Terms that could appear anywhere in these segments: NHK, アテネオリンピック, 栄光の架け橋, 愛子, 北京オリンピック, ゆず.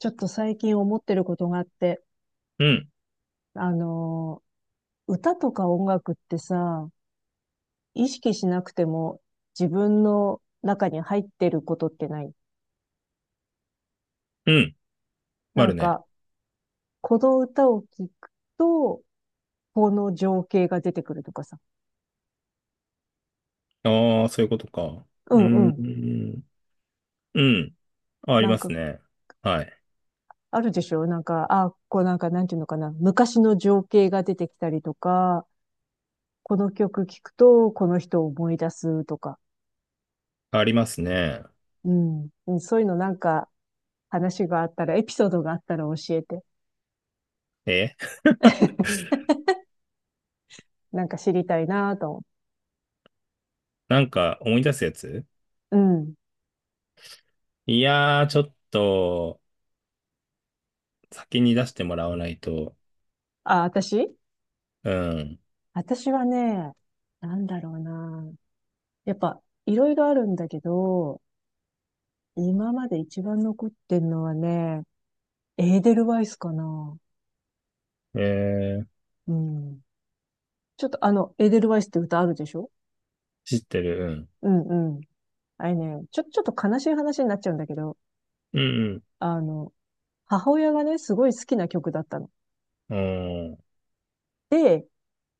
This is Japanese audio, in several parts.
ちょっと最近思ってることがあって、うん、あの歌とか音楽ってさ、意識しなくても自分の中に入ってることってない？うん、なあるんね。か、この歌を聴くと、この情景が出てくるとかさ。ああ、そういうことか。ううーんうん。ん、うん、あ、ありなんまか、すね。はい。あるでしょなんか、あ、こうなんか、なんていうのかな。昔の情景が出てきたりとか、この曲聴くと、この人を思い出すとか。ありますね。うん。うんそういうのなんか、話があったら、エピソードがあったら教えて。え。 なんか知りたいなぁと思なんか思い出すやつ。う。うん。いやー、ちょっと、先に出してもらわないと。あ、私うん。私はね、なんだろうなぁ。やっぱ、いろいろあるんだけど、今まで一番残ってんのはね、エーデルワイスかな。えー、うん。ちょっとあの、エーデルワイスって歌あるでしょ？知ってる。うんうん。あれね、ちょっと悲しい話になっちゃうんだけど、うん。あの、母親がね、すごい好きな曲だったの。うん、うん。で、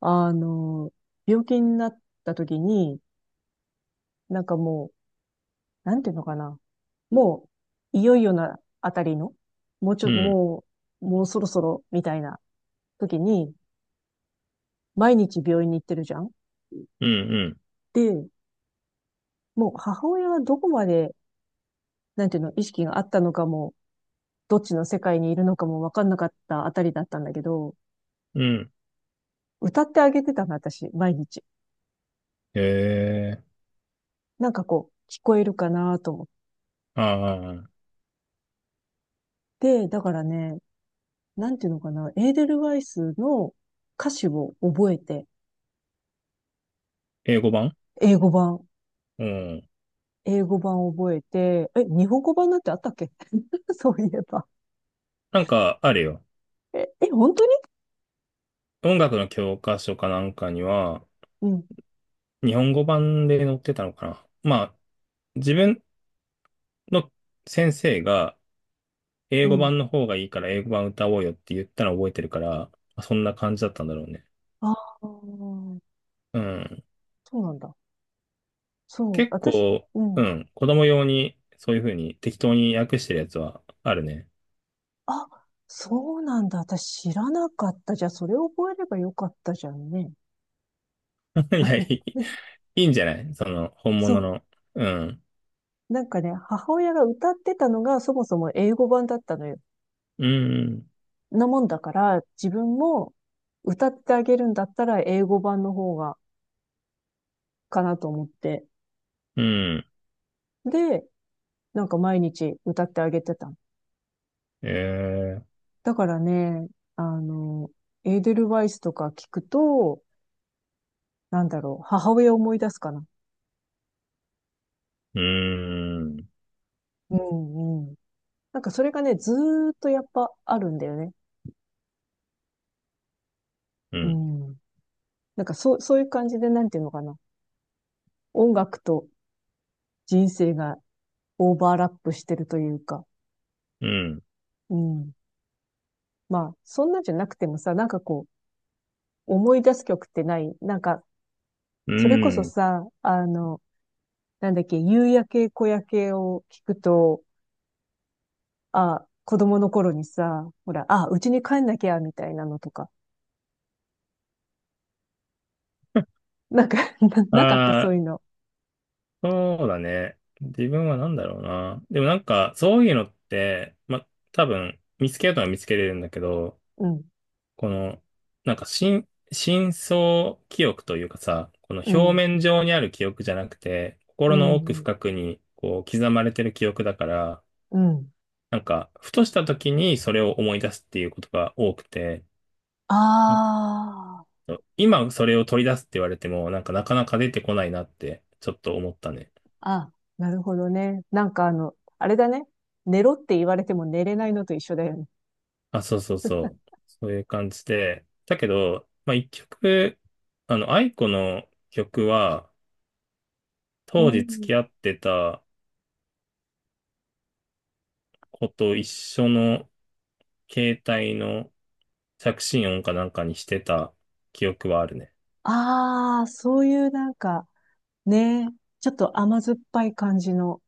あの、病気になった時に、なんかもう、なんていうのかな。もう、いよいよなあたりの、もうちょうっと、ん、もう、もうそろそろ、みたいな時に、毎日病院に行ってるじゃん。うん、うん。で、もう母親はどこまで、なんていうの、意識があったのかも、どっちの世界にいるのかもわかんなかったあたりだったんだけど、うん。歌ってあげてたの、私、毎日。えなんかこう、聞こえるかなと思っああ、て、だからね、なんていうのかな、エーデルワイスの歌詞を覚えて、英語版。英語版。うん。英語版覚えて、え、日本語版なんてあったっけ？ そういえば。なんか、あるよ。え、え、本当に？音楽の教科書かなんかには、うん、日本語版で載ってたのかな。まあ、自分の先生が英う語ん。版の方がいいから英語版歌おうよって言ったのを覚えてるから、まあそんな感じだったんだろうね。ああ、そうん。うなんだ。そう、結私、構、ううん。ん。子供用にそういう風に適当に訳してるやつはあるね。あ、そうなんだ。私知らなかった。じゃあ、それを覚えればよかったじゃんね。いや、いいんじゃないその、本そ物う。の。うん。なんかね、母親が歌ってたのがそもそも英語版だったのよ。うん。なもんだから、自分も歌ってあげるんだったら英語版の方がかなと思って。うん。で、なんか毎日歌ってあげてた。えー、だからね、あの、エーデルワイスとか聞くと、なんだろう、母親を思い出すかな。うん。うんうん。なんかそれがね、ずーっとやっぱあるんだよね。ううん。ん。なんかそう、そういう感じで、なんていうのかな。音楽と人生がオーバーラップしてるというか。うん。うん。まあ、そんなんじゃなくてもさ、なんかこう、思い出す曲ってない？なんか、うそれこそん。さ、あの、なんだっけ、夕焼け小焼けを聞くと、あ、子供の頃にさ、ほら、あ、うちに帰んなきゃ、みたいなのとか。なんか、あなかった、そうあいー、うの。そうだね。自分はなんだろうな。でもなんか、そういうのって、ま、多分、見つけようとは見つけれるんだけど、うん、この、なんか、深層記憶というかさ、このう表ん、面上にある記憶じゃなくて、う心の奥ん、深くに、こう、刻まれてる記憶だから、うん。なんか、ふとした時にそれを思い出すっていうことが多くて、なんかあ今それを取り出すって言われても、なんかなかなか出てこないなって、ちょっと思ったね。あ、あ、なるほどね。なんかあの、あれだね。寝ろって言われても寝れないのと一緒だよね。あ、そうそうそう。そういう感じで。だけど、まあ、一曲、愛子の曲は、う当時付ん。き合ってた子と一緒の携帯の着信音かなんかにしてた記憶はあるね。ああ、そういうなんか、ね、ちょっと甘酸っぱい感じの、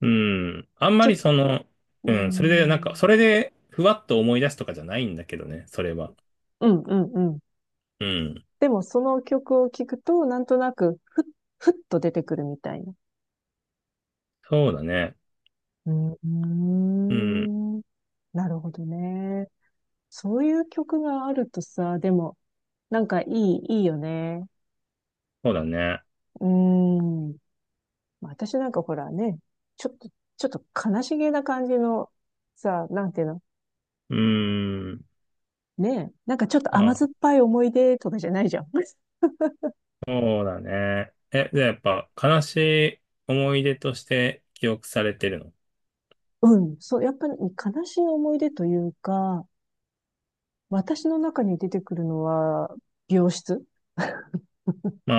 うん。あんまちょりっ、その、うーうん、それでなんか、ん、それでふわっと思い出すとかじゃないんだけどね、それは。うん、うん、うん。うん。でもその曲を聴くと、なんとなく、ふふっと出てくるみたいな。そうだね。うーうん。ん。なるほどね。そういう曲があるとさ、でも、なんかいい、いいよね。そうだね。うーん。私なんかほらね、ちょっと、ちょっと悲しげな感じの、さ、なんていうのうん。ねえ、なんかちょっと甘酸っあ、ぱい思い出とかじゃないじゃん。そうだね。え、じゃあやっぱ悲しい思い出として記憶されてるの？うん。そう、やっぱり悲しい思い出というか、私の中に出てくるのは、病室。ま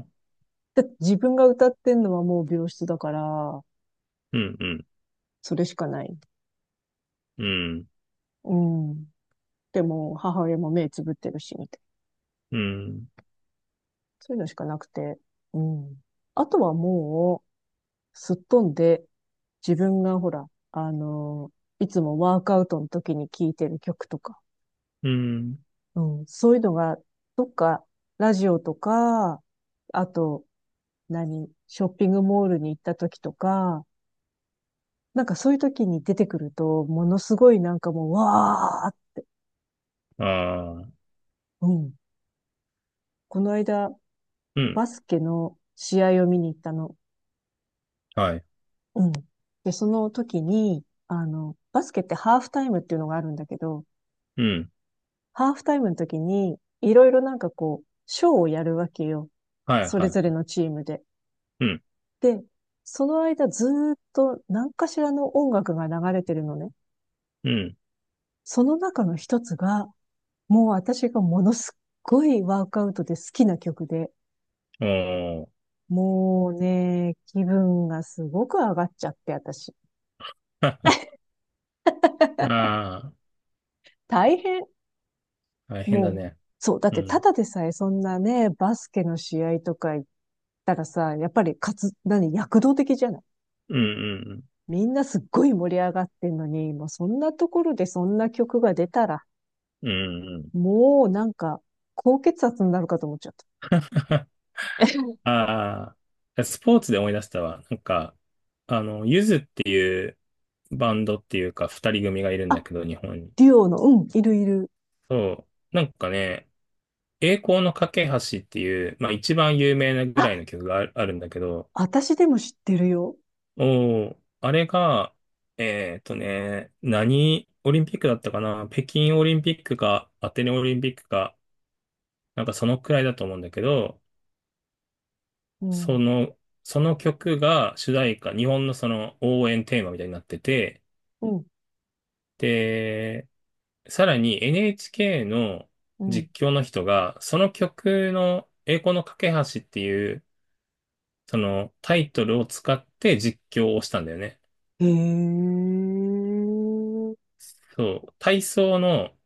あ、だって自分が歌ってんのはもう病室だから、うん。うん。それしかない。うん。うん。でも、母親も目つぶってるし、みたいな。うん。そういうのしかなくて。うん。あとはもう、すっ飛んで、自分がほら、あのーいつもワークアウトの時に聴いてる曲とか、うん。うん、そういうのが、どっか、ラジオとか、あと、何、ショッピングモールに行った時とか、なんかそういう時に出てくると、ものすごいなんかもう、わああ。ー、うん。この間、うん。バスケの試合を見に行ったの。はい。うん。で、その時に、あの、バスケってハーフタイムっていうのがあるんだけど、うん。ハーフタイムの時に、いろいろなんかこう、ショーをやるわけよ。はい、それはぞれい。のチームで。うん。で、その間ずーっと何かしらの音楽が流れてるのね。うん。その中の一つが、もう私がものすっごいワークアウトで好きな曲で、おー。 もうね、気分がすごく上がっちゃって、私。あ大変。あー、大変だもう、ね。そう、だっうてたん。だでさえそんなね、バスケの試合とか行ったらさ、やっぱりかつ、何、躍動的じゃない？うん。みんなすっごい盛り上がってんのに、もうそんなところでそんな曲が出たら、うん。うん。うん。うん。 もうなんか、高血圧になるかと思っちゃった。ああ、スポーツで思い出したわ。なんか、ゆずっていうバンドっていうか二人組がいるんだあ、けど、日本に。デュオの、うん、いるいる。そう。なんかね、栄光の架け橋っていう、まあ一番有名なぐあ、らいの曲がああるんだけど、私でも知ってるよ。おー、あれが、何オリンピックだったかな、北京オリンピックかアテネオリンピックか、なんかそのくらいだと思うんだけど、うそん、の、その曲が主題歌、日本のその応援テーマみたいになってて、うん、で、さらに NHK のうん。実況の人が、その曲の栄光の架け橋っていう、そのタイトルを使って実況をしたんだよね。へえ、そう、体操の、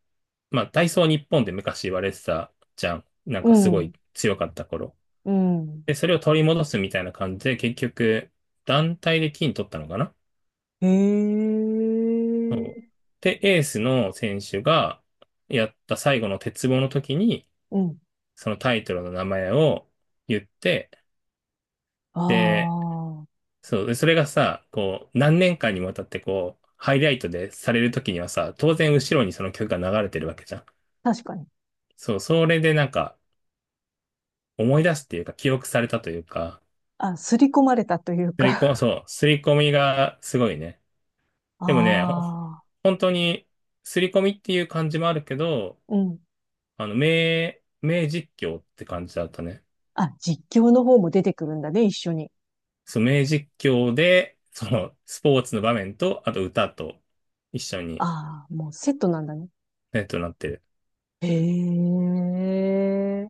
まあ、体操日本で昔言われてたじゃん。なんうかすごん、い強かった頃。うん、で、それを取り戻すみたいな感じで、結局、団体で金取ったのかな？へそう。え、で、エースの選手がやった最後の鉄棒の時に、うん。そのタイトルの名前を言って、あで、あ。そう、で、それがさ、こう、何年間にわたってこう、ハイライトでされるときにはさ、当然後ろにその曲が流れてるわけじゃん。確かに。そう、それでなんか、思い出すっていうか、記憶されたというか、あ、刷り込まれたというすか。りこ、そう、すり込みがすごいね。でもね、ああ、本当に、すり込みっていう感じもあるけど、うん。名実況って感じだったね。あ、実況の方も出てくるんだね、一緒に。そう、名実況で、その、スポーツの場面と、あと歌と一緒に、ああ、もうセットなんだね。ね、となってる。へえ。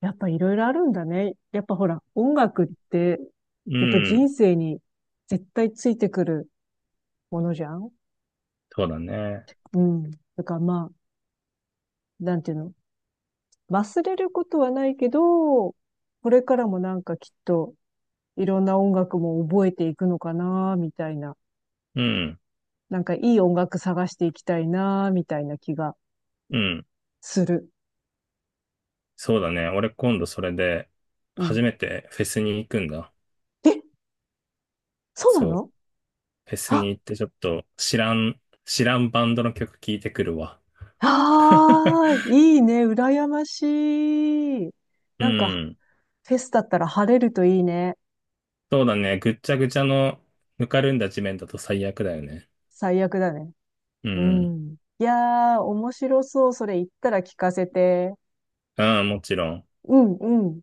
やっぱいろいろあるんだね。やっぱほら、音楽って、うやっぱん、人生に絶対ついてくるものじゃん。そうだね。うん。だからまあ、なんていうの。忘れることはないけど、これからもなんかきっといろんな音楽も覚えていくのかな、みたいな。うん。なんかいい音楽探していきたいな、みたいな気がうん。する。そうだね。俺今度それで、うん。初めてフェスに行くんだ。え、そうなそう。の？フェスにあ、行ってちょっと知らんバンドの曲聴いてくるわ。ああ、いいね、羨ましい。うなんか、ん。フェスだったら晴れるといいね。そうだね。ぐっちゃぐちゃのぬかるんだ地面だと最悪だよね。最悪だね。ううん。ん。いやー、面白そう。それ言ったら聞かせて。うん、もちろん。うん、うん。